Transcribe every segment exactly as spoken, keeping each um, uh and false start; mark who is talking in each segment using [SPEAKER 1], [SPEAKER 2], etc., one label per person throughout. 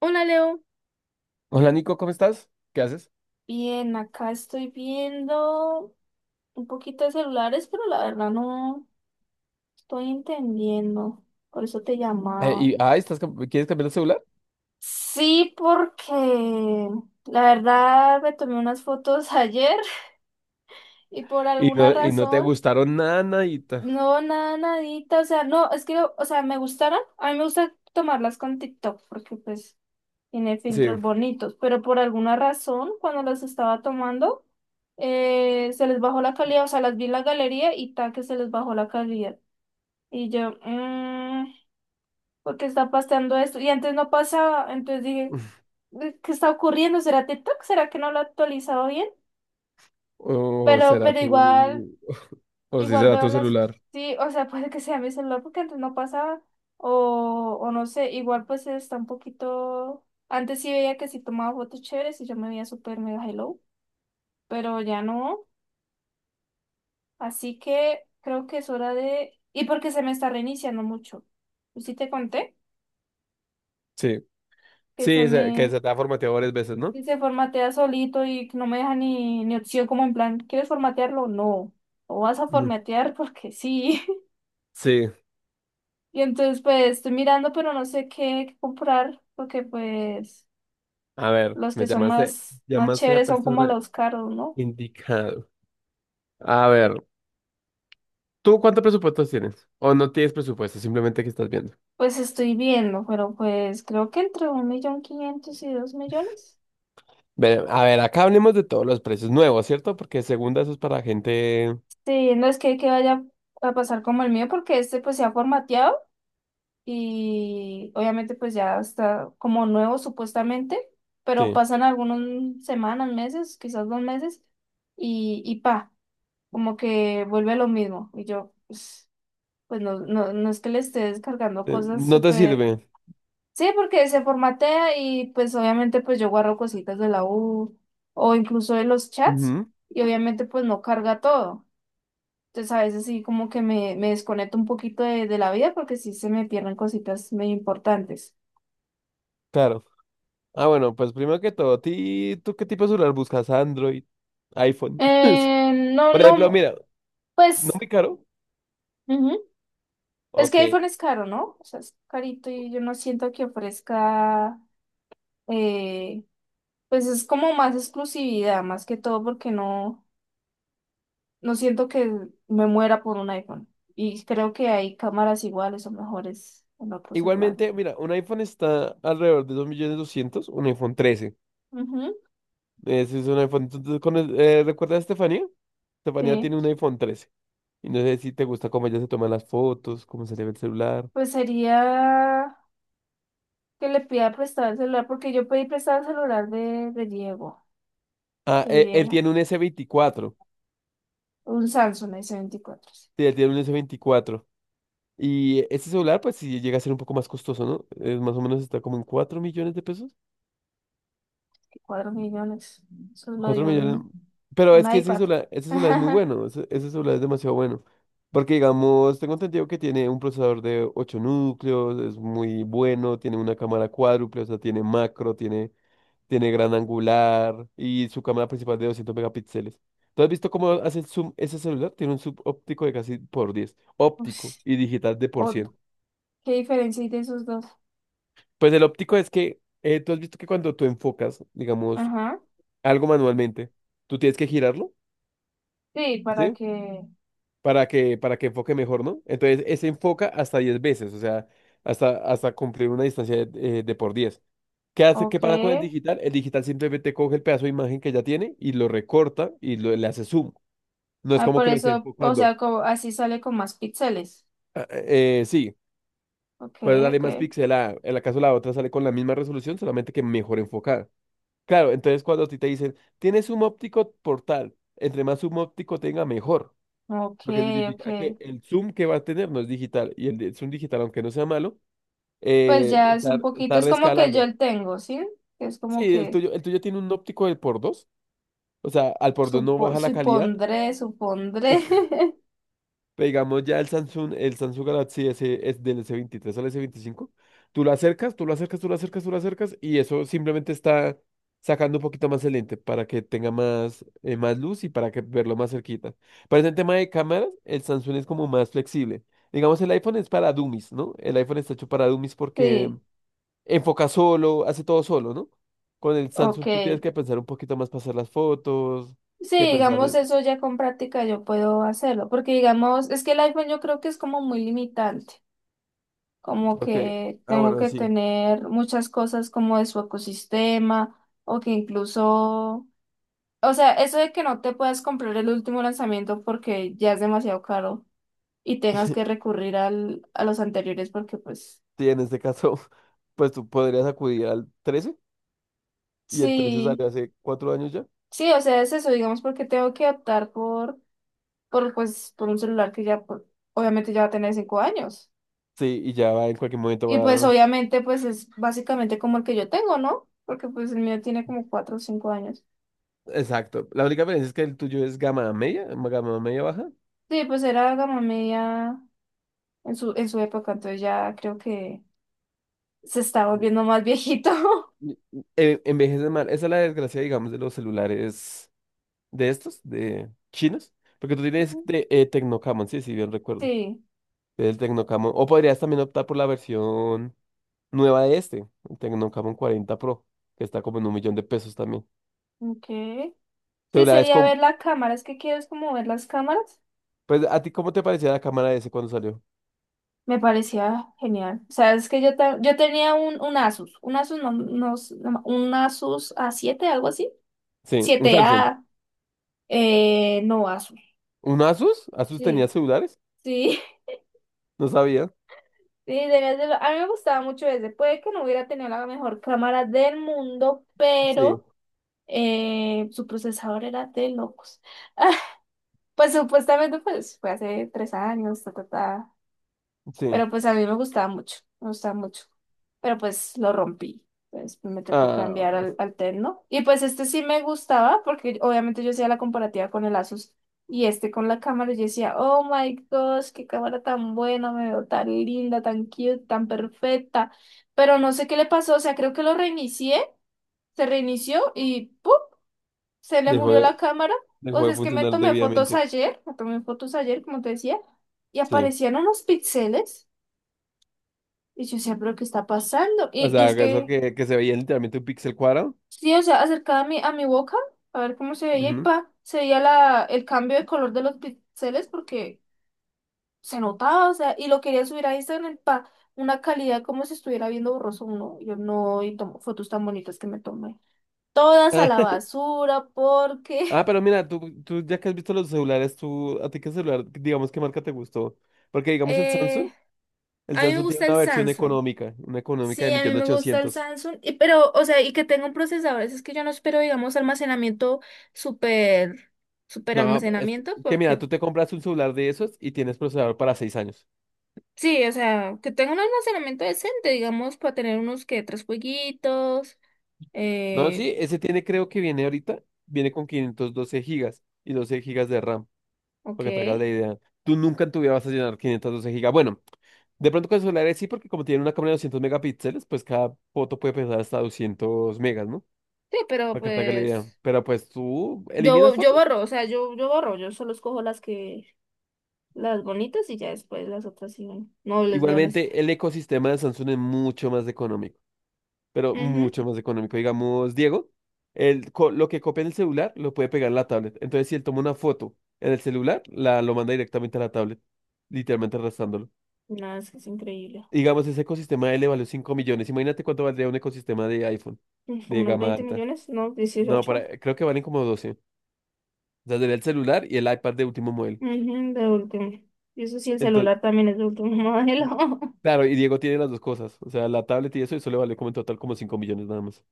[SPEAKER 1] Hola Leo,
[SPEAKER 2] Hola Nico, ¿cómo estás? ¿Qué haces?
[SPEAKER 1] bien, acá estoy viendo un poquito de celulares, pero la verdad no estoy entendiendo, por eso te
[SPEAKER 2] Eh,
[SPEAKER 1] llamaba.
[SPEAKER 2] y, ah, estás, cam- ¿quieres cambiar el celular?
[SPEAKER 1] Sí, porque la verdad me tomé unas fotos ayer y por
[SPEAKER 2] Y
[SPEAKER 1] alguna
[SPEAKER 2] no, y no te
[SPEAKER 1] razón,
[SPEAKER 2] gustaron nada, nadita.
[SPEAKER 1] no, nada, nadita, o sea, no, es que, o sea, me gustaron, a mí me gusta tomarlas con TikTok, porque pues tiene
[SPEAKER 2] Sí.
[SPEAKER 1] filtros bonitos, pero por alguna razón, cuando las estaba tomando, eh, se les bajó la calidad, o sea, las vi en la galería y ta que se les bajó la calidad. Y yo, mmm, ¿por qué está pasando esto? Y antes no pasaba, entonces dije, "Eh, ¿qué está ocurriendo? ¿Será TikTok? ¿Será que no lo ha actualizado bien?"
[SPEAKER 2] O
[SPEAKER 1] Pero,
[SPEAKER 2] será
[SPEAKER 1] pero igual.
[SPEAKER 2] tu... O sí
[SPEAKER 1] Igual
[SPEAKER 2] será
[SPEAKER 1] veo
[SPEAKER 2] tu
[SPEAKER 1] las,
[SPEAKER 2] celular.
[SPEAKER 1] sí, o sea, puede que sea mi celular porque antes no pasaba, o, o no sé, igual pues está un poquito, antes sí veía que si tomaba fotos chéveres y yo me veía súper mega hello, pero ya no, así que creo que es hora de, y porque se me está reiniciando mucho, yo sí te conté
[SPEAKER 2] Sí.
[SPEAKER 1] que se
[SPEAKER 2] Sí, se- que
[SPEAKER 1] me,
[SPEAKER 2] se te ha formateado varias veces, ¿no?
[SPEAKER 1] que se formatea solito y que no me deja ni, ni opción como en plan, ¿quieres formatearlo? No, o vas a
[SPEAKER 2] Mm.
[SPEAKER 1] formatear porque sí.
[SPEAKER 2] Sí.
[SPEAKER 1] Y entonces pues estoy mirando, pero no sé qué, qué comprar, porque pues
[SPEAKER 2] A ver,
[SPEAKER 1] los que
[SPEAKER 2] me
[SPEAKER 1] son
[SPEAKER 2] llamaste,
[SPEAKER 1] más, más
[SPEAKER 2] llamaste a la
[SPEAKER 1] chéveres son como
[SPEAKER 2] persona
[SPEAKER 1] los caros, ¿no?
[SPEAKER 2] indicado. A ver, ¿tú cuántos presupuestos tienes? ¿O no tienes presupuesto? Simplemente que estás viendo.
[SPEAKER 1] Pues estoy viendo, pero pues creo que entre un millón quinientos y dos millones.
[SPEAKER 2] Ve- a ver, acá hablemos de todos los precios nuevos, ¿cierto? Porque segunda eso es para gente...
[SPEAKER 1] Sí, no es que, que, vaya a pasar como el mío, porque este pues se ha formateado y obviamente pues ya está como nuevo supuestamente, pero
[SPEAKER 2] Sí.
[SPEAKER 1] pasan algunas semanas, meses, quizás dos meses, y, y pa, como que vuelve lo mismo. Y yo, pues, Pues no, no, no es que le esté descargando
[SPEAKER 2] Eh,
[SPEAKER 1] cosas
[SPEAKER 2] No te
[SPEAKER 1] súper.
[SPEAKER 2] sirve.
[SPEAKER 1] Sí, porque se formatea y pues obviamente pues yo guardo cositas de la U o incluso de los chats
[SPEAKER 2] Ujú,
[SPEAKER 1] y obviamente pues no carga todo. Entonces a veces sí como que me, me desconecto un poquito de, de la vida porque sí se me pierden cositas medio importantes.
[SPEAKER 2] claro. Ah, bueno, pues primero que todo, ti- ¿tú qué tipo de celular buscas? Android, iPhone.
[SPEAKER 1] Eh, no,
[SPEAKER 2] Por ejemplo,
[SPEAKER 1] no,
[SPEAKER 2] mira, no
[SPEAKER 1] pues
[SPEAKER 2] muy caro.
[SPEAKER 1] ujú. Es que
[SPEAKER 2] Ok.
[SPEAKER 1] iPhone es caro, ¿no? O sea, es carito y yo no siento que ofrezca, eh, pues es como más exclusividad, más que todo porque no. No siento que me muera por un iPhone. Y creo que hay cámaras iguales o mejores en otros celulares.
[SPEAKER 2] Igualmente, mira, un iPhone está alrededor de dos millones doscientos mil, un iPhone trece.
[SPEAKER 1] Ujú,
[SPEAKER 2] Ese es un iPhone. entonces, con el- eh, ¿recuerdas a Estefanía? Estefanía
[SPEAKER 1] sí.
[SPEAKER 2] tiene un iPhone trece. Y no sé si te gusta cómo ella se toma las fotos, cómo se le ve el celular.
[SPEAKER 1] Pues sería que le pida prestado el celular, porque yo pedí prestado el celular de, de Diego,
[SPEAKER 2] Ah,
[SPEAKER 1] que
[SPEAKER 2] él, él
[SPEAKER 1] Diego,
[SPEAKER 2] tiene un s veinticuatro.
[SPEAKER 1] un Samsung s veinticuatro sí,
[SPEAKER 2] Sí, él tiene un s veinticuatro. Y este celular, pues sí llega a ser un poco más costoso, ¿no? Es más o menos está como en cuatro millones de pesos.
[SPEAKER 1] que 4 millones. Eso es lo
[SPEAKER 2] cuatro
[SPEAKER 1] de
[SPEAKER 2] millones.
[SPEAKER 1] un,
[SPEAKER 2] Pero es
[SPEAKER 1] un
[SPEAKER 2] que ese
[SPEAKER 1] iPad.
[SPEAKER 2] celular, ese celular es muy bueno. Ese, ese celular es demasiado bueno. Porque, digamos, tengo entendido que tiene un procesador de ocho núcleos, es muy bueno, tiene una cámara cuádruple, o sea, tiene macro, tiene, tiene gran angular y su cámara principal de doscientos megapíxeles. ¿Tú has visto cómo hace el zoom ese celular? Tiene un zoom óptico de casi por diez óptico
[SPEAKER 1] Ush,
[SPEAKER 2] y digital de por
[SPEAKER 1] o-
[SPEAKER 2] cien.
[SPEAKER 1] ¿qué diferencia hay de esos dos?
[SPEAKER 2] Pues el óptico es que eh, tú has visto que cuando tú enfocas, digamos,
[SPEAKER 1] Ajá.
[SPEAKER 2] algo manualmente, tú tienes que girarlo,
[SPEAKER 1] Sí, para
[SPEAKER 2] ¿sí?
[SPEAKER 1] que.
[SPEAKER 2] Para que, para que enfoque mejor, ¿no? Entonces, ese enfoca hasta diez veces, o sea, hasta, hasta cumplir una distancia de, eh, de por diez. ¿Qué hace? ¿Qué
[SPEAKER 1] Ok.
[SPEAKER 2] pasa con el digital? El digital simplemente coge el pedazo de imagen que ya tiene y lo recorta y lo- le hace zoom. No es
[SPEAKER 1] Ah,
[SPEAKER 2] como
[SPEAKER 1] por
[SPEAKER 2] que lo esté
[SPEAKER 1] eso, o
[SPEAKER 2] enfocando.
[SPEAKER 1] sea, como, así sale con más píxeles.
[SPEAKER 2] Ah, eh, eh, sí,
[SPEAKER 1] Ok,
[SPEAKER 2] puedes darle
[SPEAKER 1] ok,
[SPEAKER 2] más pixel a, en el caso la otra sale con la misma resolución, solamente que mejor enfocada. Claro, entonces cuando a ti te dicen, tienes zoom óptico por tal, entre más zoom óptico tenga, mejor.
[SPEAKER 1] ok,
[SPEAKER 2] Lo que
[SPEAKER 1] ok.
[SPEAKER 2] significa que el zoom que va a tener no es digital. Y el de- zoom digital, aunque no sea malo,
[SPEAKER 1] Pues
[SPEAKER 2] eh,
[SPEAKER 1] ya es
[SPEAKER 2] está,
[SPEAKER 1] un poquito,
[SPEAKER 2] está
[SPEAKER 1] es como que yo
[SPEAKER 2] reescalando.
[SPEAKER 1] el tengo, ¿sí? Es como
[SPEAKER 2] Sí, el
[SPEAKER 1] que
[SPEAKER 2] tuyo, el tuyo tiene un óptico del por dos. O sea, al por dos no
[SPEAKER 1] supo,
[SPEAKER 2] baja la calidad.
[SPEAKER 1] supondré, supondré.
[SPEAKER 2] Pero digamos ya el Samsung, el Samsung Galaxy S, es del S veintitrés al S veinticinco, tú lo acercas, tú lo acercas, tú lo acercas, tú lo acercas y eso simplemente está sacando un poquito más el lente para que tenga más, eh, más luz y para que verlo más cerquita. Pero en el tema de cámaras, el Samsung es como más flexible. Digamos, el iPhone es para dummies, ¿no? El iPhone está hecho para dummies porque
[SPEAKER 1] Sí,
[SPEAKER 2] enfoca solo, hace todo solo, ¿no? Con el
[SPEAKER 1] ok.
[SPEAKER 2] Samsung tú tienes que pensar un poquito más para hacer las fotos,
[SPEAKER 1] Sí,
[SPEAKER 2] que pensar
[SPEAKER 1] digamos,
[SPEAKER 2] en-
[SPEAKER 1] eso ya con práctica yo puedo hacerlo, porque digamos, es que el iPhone yo creo que es como muy limitante, como
[SPEAKER 2] porque,
[SPEAKER 1] que
[SPEAKER 2] ah,
[SPEAKER 1] tengo
[SPEAKER 2] bueno,
[SPEAKER 1] que
[SPEAKER 2] sí.
[SPEAKER 1] tener muchas cosas como de su ecosistema, o que incluso, o sea, eso de que no te puedas comprar el último lanzamiento porque ya es demasiado caro. Y tengas que recurrir al, a los anteriores porque pues
[SPEAKER 2] Sí, en este caso, pues tú podrías acudir al trece y el trece salió
[SPEAKER 1] sí,
[SPEAKER 2] hace cuatro años ya.
[SPEAKER 1] sí, o sea, es eso, digamos, porque tengo que optar por, por pues, por un celular que ya pues, obviamente ya va a tener cinco años.
[SPEAKER 2] Sí, y ya va en cualquier momento
[SPEAKER 1] Y pues
[SPEAKER 2] va.
[SPEAKER 1] obviamente pues es básicamente como el que yo tengo, ¿no? Porque pues el mío tiene como cuatro o cinco años.
[SPEAKER 2] Exacto. La única diferencia es que el tuyo es gama media, gama media baja.
[SPEAKER 1] Sí, pues era gama media en su, en su época, entonces ya creo que se está volviendo más viejito.
[SPEAKER 2] Y- y- eh, Envejece mal. Esa es la desgracia, digamos, de los celulares de estos, de chinos. Porque tú tienes de, eh, Tecnocamon, sí, sí, bien recuerdo.
[SPEAKER 1] Sí,
[SPEAKER 2] El Tecnocamon. O podrías también optar por la versión nueva de este, el Tecnocamon cuarenta Pro, que está como en un millón de pesos también.
[SPEAKER 1] ok. Sí,
[SPEAKER 2] Celulares
[SPEAKER 1] sería
[SPEAKER 2] con.
[SPEAKER 1] ver la cámara, es que quieres como ver las cámaras.
[SPEAKER 2] Pues, ¿a ti cómo te parecía la cámara ese cuando salió?
[SPEAKER 1] Me parecía genial. O sea, es que yo, ta- yo tenía un, un Asus, un Asus, no, no, no- un Asus a siete algo así.
[SPEAKER 2] Sí, un
[SPEAKER 1] Siete
[SPEAKER 2] Samsung.
[SPEAKER 1] a eh, no Asus.
[SPEAKER 2] ¿Un Asus? ¿Asus tenía
[SPEAKER 1] Sí,
[SPEAKER 2] celulares?
[SPEAKER 1] sí,
[SPEAKER 2] No sabía.
[SPEAKER 1] sí, debías de lo- A mí me gustaba mucho ese. Puede que no hubiera tenido la mejor cámara del mundo,
[SPEAKER 2] Sí,
[SPEAKER 1] pero eh, su procesador era de locos. Pues supuestamente pues, fue hace tres años, ta, ta, ta.
[SPEAKER 2] sí.
[SPEAKER 1] Pero pues a mí me gustaba mucho, me gustaba mucho. Pero pues lo rompí. Pues me tocó cambiar
[SPEAKER 2] Ah,
[SPEAKER 1] al, al Tecno. Y pues este sí me gustaba porque obviamente yo hacía la comparativa con el Asus y este con la cámara. Y yo decía, oh my gosh, qué cámara tan buena, me veo tan linda, tan cute, tan perfecta. Pero no sé qué le pasó, o sea, creo que lo reinicié, se reinició y ¡pum! Se le
[SPEAKER 2] dejó
[SPEAKER 1] murió
[SPEAKER 2] de,
[SPEAKER 1] la cámara. O
[SPEAKER 2] dejó de
[SPEAKER 1] sea, es que me
[SPEAKER 2] funcionar
[SPEAKER 1] tomé fotos
[SPEAKER 2] debidamente.
[SPEAKER 1] ayer, me tomé fotos ayer, como te decía, y
[SPEAKER 2] Sí.
[SPEAKER 1] aparecían unos píxeles. Y yo decía, pero ¿qué está pasando?
[SPEAKER 2] O
[SPEAKER 1] Y, y
[SPEAKER 2] sea,
[SPEAKER 1] es
[SPEAKER 2] eso
[SPEAKER 1] que,
[SPEAKER 2] que, que se veía literalmente un píxel cuadrado.
[SPEAKER 1] sí, o sea, acercaba a mi, a mi boca a ver cómo se veía y
[SPEAKER 2] Ujú.
[SPEAKER 1] pa, se veía la, el cambio de color de los píxeles porque se notaba, o sea, y lo quería subir a Instagram pa, una calidad como si estuviera viendo borroso uno. Y yo no, y tomo fotos tan bonitas que me tomé. Todas a
[SPEAKER 2] Ah,
[SPEAKER 1] la basura porque
[SPEAKER 2] ah, pero mira, tú, tú ya que has visto los celulares, tú, ¿a ti qué celular, digamos, qué marca te gustó? Porque digamos el Samsung,
[SPEAKER 1] eh,
[SPEAKER 2] el
[SPEAKER 1] a mí me
[SPEAKER 2] Samsung tiene
[SPEAKER 1] gusta
[SPEAKER 2] una
[SPEAKER 1] el
[SPEAKER 2] versión
[SPEAKER 1] Samsung.
[SPEAKER 2] económica, una económica de
[SPEAKER 1] Sí, a mí me gusta el
[SPEAKER 2] un millón ochocientos mil.
[SPEAKER 1] Samsung, y, pero, o sea, y que tenga un procesador, es que yo no espero, digamos, almacenamiento súper, súper
[SPEAKER 2] No, es que,
[SPEAKER 1] almacenamiento,
[SPEAKER 2] que mira,
[SPEAKER 1] porque
[SPEAKER 2] tú te compras un celular de esos y tienes procesador para seis años.
[SPEAKER 1] sí, o sea, que tenga un almacenamiento decente, digamos, para tener unos que tres jueguitos,
[SPEAKER 2] No,
[SPEAKER 1] eh,
[SPEAKER 2] sí, ese tiene, creo que viene ahorita, viene con quinientos doce gigas y doce gigas de RAM,
[SPEAKER 1] ok,
[SPEAKER 2] para que te hagas
[SPEAKER 1] sí,
[SPEAKER 2] la idea. Tú nunca en tu vida vas a llenar quinientos doce gigas. Bueno, de pronto con el celulares sí, porque como tiene una cámara de doscientos megapíxeles, pues cada foto puede pesar hasta doscientos megas, ¿no?
[SPEAKER 1] pero
[SPEAKER 2] Para que te hagas la idea.
[SPEAKER 1] pues,
[SPEAKER 2] Pero pues tú
[SPEAKER 1] yo,
[SPEAKER 2] eliminas
[SPEAKER 1] bo- yo
[SPEAKER 2] fotos.
[SPEAKER 1] borro, o sea, yo, yo borro, yo solo escojo las que, las bonitas y ya después las otras sí, no, no les veo necesidad.
[SPEAKER 2] Igualmente, el ecosistema de Samsung es mucho más económico. Pero
[SPEAKER 1] Ujú,
[SPEAKER 2] mucho más económico. Digamos, Diego, el, co- lo que copia en el celular lo puede pegar en la tablet. Entonces, si él toma una foto en el celular, la, lo manda directamente a la tablet, literalmente arrastrándolo.
[SPEAKER 1] no, es que es increíble.
[SPEAKER 2] Digamos, ese ecosistema de él le valió cinco millones. Imagínate cuánto valdría un ecosistema de iPhone,
[SPEAKER 1] Mm, Como
[SPEAKER 2] de
[SPEAKER 1] unos
[SPEAKER 2] gama
[SPEAKER 1] veinte
[SPEAKER 2] alta.
[SPEAKER 1] millones, no,
[SPEAKER 2] No,
[SPEAKER 1] dieciocho.
[SPEAKER 2] para, creo que valen como doce. O sea, sería el celular y el iPad de último modelo.
[SPEAKER 1] Ujú, de último. Y eso sí, el
[SPEAKER 2] Entonces,
[SPEAKER 1] celular también es de último modelo.
[SPEAKER 2] claro, y Diego tiene las dos cosas. O sea, la tablet y eso, eso le vale como en total como cinco millones nada más.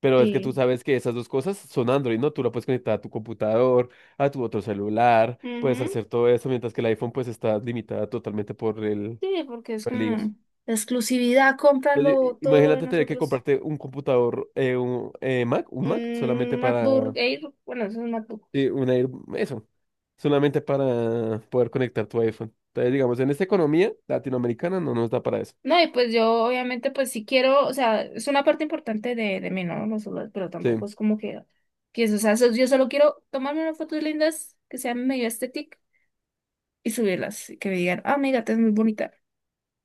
[SPEAKER 2] Pero es que tú
[SPEAKER 1] Sí.
[SPEAKER 2] sabes que esas dos cosas son Android, ¿no? Tú la puedes conectar a tu computador, a tu otro celular, puedes
[SPEAKER 1] Ujú,
[SPEAKER 2] hacer todo eso, mientras que el iPhone pues está limitada totalmente por el,
[SPEAKER 1] sí, porque es
[SPEAKER 2] por el iOS.
[SPEAKER 1] como la exclusividad,
[SPEAKER 2] Entonces,
[SPEAKER 1] cómpralo,
[SPEAKER 2] i-
[SPEAKER 1] todo lo de
[SPEAKER 2] imagínate tener que
[SPEAKER 1] nosotros.
[SPEAKER 2] comprarte un computador, eh, un eh, Mac, un Mac, solamente
[SPEAKER 1] Un MacBook
[SPEAKER 2] para,
[SPEAKER 1] Air, bueno, eso es un MacBook.
[SPEAKER 2] eh, una, air- eso, solamente para poder conectar tu iPhone. Entonces, digamos, en esta economía latinoamericana no nos da para eso.
[SPEAKER 1] No, y pues yo obviamente pues sí quiero, o sea, es una parte importante de, de mí, ¿no? Los celulares, pero tampoco
[SPEAKER 2] Sí.
[SPEAKER 1] es como que, que eso, o sea, so- yo solo quiero tomarme unas fotos lindas que sean medio estéticas y subirlas, y que me digan, ah, mi gata es muy bonita,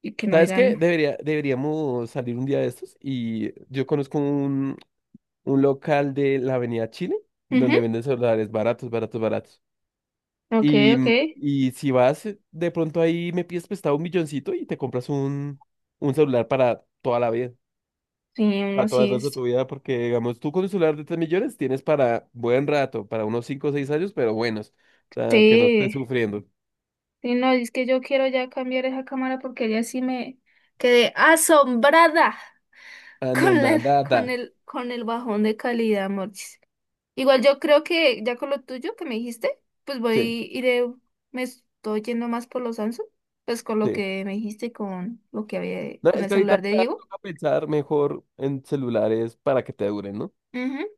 [SPEAKER 1] y que no
[SPEAKER 2] ¿Sabes qué?
[SPEAKER 1] digan,
[SPEAKER 2] Debería, deberíamos salir un día de estos y yo conozco un un local de la Avenida Chile, donde
[SPEAKER 1] ujú,
[SPEAKER 2] venden celulares baratos, baratos, baratos.
[SPEAKER 1] ok,
[SPEAKER 2] Y,
[SPEAKER 1] ok.
[SPEAKER 2] mm, y si vas, eh, de pronto ahí me pides prestado un milloncito y te compras un, un celular para toda la vida,
[SPEAKER 1] Sí, no,
[SPEAKER 2] para todo el
[SPEAKER 1] sí,
[SPEAKER 2] resto de
[SPEAKER 1] es-
[SPEAKER 2] tu vida, porque digamos, tú con un celular de tres millones tienes para buen rato, para unos cinco o seis años, pero buenos, o sea, que no estés
[SPEAKER 1] sí,
[SPEAKER 2] sufriendo.
[SPEAKER 1] sí, no, es que yo quiero ya cambiar esa cámara porque ya sí me quedé asombrada
[SPEAKER 2] Ah, no,
[SPEAKER 1] con
[SPEAKER 2] nada,
[SPEAKER 1] el, con
[SPEAKER 2] nada.
[SPEAKER 1] el, con el bajón de calidad, Morchis. Igual yo creo que ya con lo tuyo que me dijiste, pues
[SPEAKER 2] Sí,
[SPEAKER 1] voy, iré, me estoy yendo más por los Samsung, pues con lo
[SPEAKER 2] sí.
[SPEAKER 1] que me dijiste, y con lo que había,
[SPEAKER 2] No,
[SPEAKER 1] con
[SPEAKER 2] es
[SPEAKER 1] el
[SPEAKER 2] que ahorita
[SPEAKER 1] celular de
[SPEAKER 2] ya
[SPEAKER 1] Diego.
[SPEAKER 2] toca pensar mejor en celulares para que te duren, ¿no?
[SPEAKER 1] Ujú.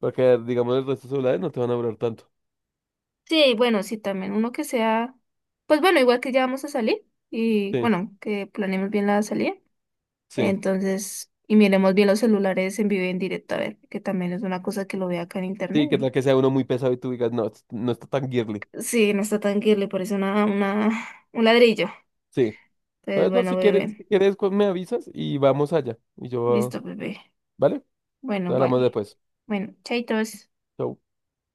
[SPEAKER 2] Porque, digamos, el resto de celulares no te van a durar tanto.
[SPEAKER 1] Sí, bueno, sí, también uno que sea, pues bueno, igual que ya vamos a salir y
[SPEAKER 2] Sí.
[SPEAKER 1] bueno, que planeemos bien la salida.
[SPEAKER 2] Sí.
[SPEAKER 1] Entonces, y miremos bien los celulares en vivo y en directo, a ver, que también es una cosa que lo ve acá en internet.
[SPEAKER 2] Sí, que tal
[SPEAKER 1] y-
[SPEAKER 2] que sea uno muy pesado y tú digas, no, es- no está tan girly.
[SPEAKER 1] Sí, no está tan que le parece una, una, un ladrillo.
[SPEAKER 2] Sí.
[SPEAKER 1] Entonces,
[SPEAKER 2] Entonces, no,
[SPEAKER 1] bueno,
[SPEAKER 2] si quieres,
[SPEAKER 1] bebé.
[SPEAKER 2] si quieres, cu- me avisas y vamos allá. Y yo,
[SPEAKER 1] Listo, bebé.
[SPEAKER 2] ¿vale? Te
[SPEAKER 1] Bueno,
[SPEAKER 2] hablamos
[SPEAKER 1] vale.
[SPEAKER 2] después.
[SPEAKER 1] Bueno, chaitos.
[SPEAKER 2] Chau.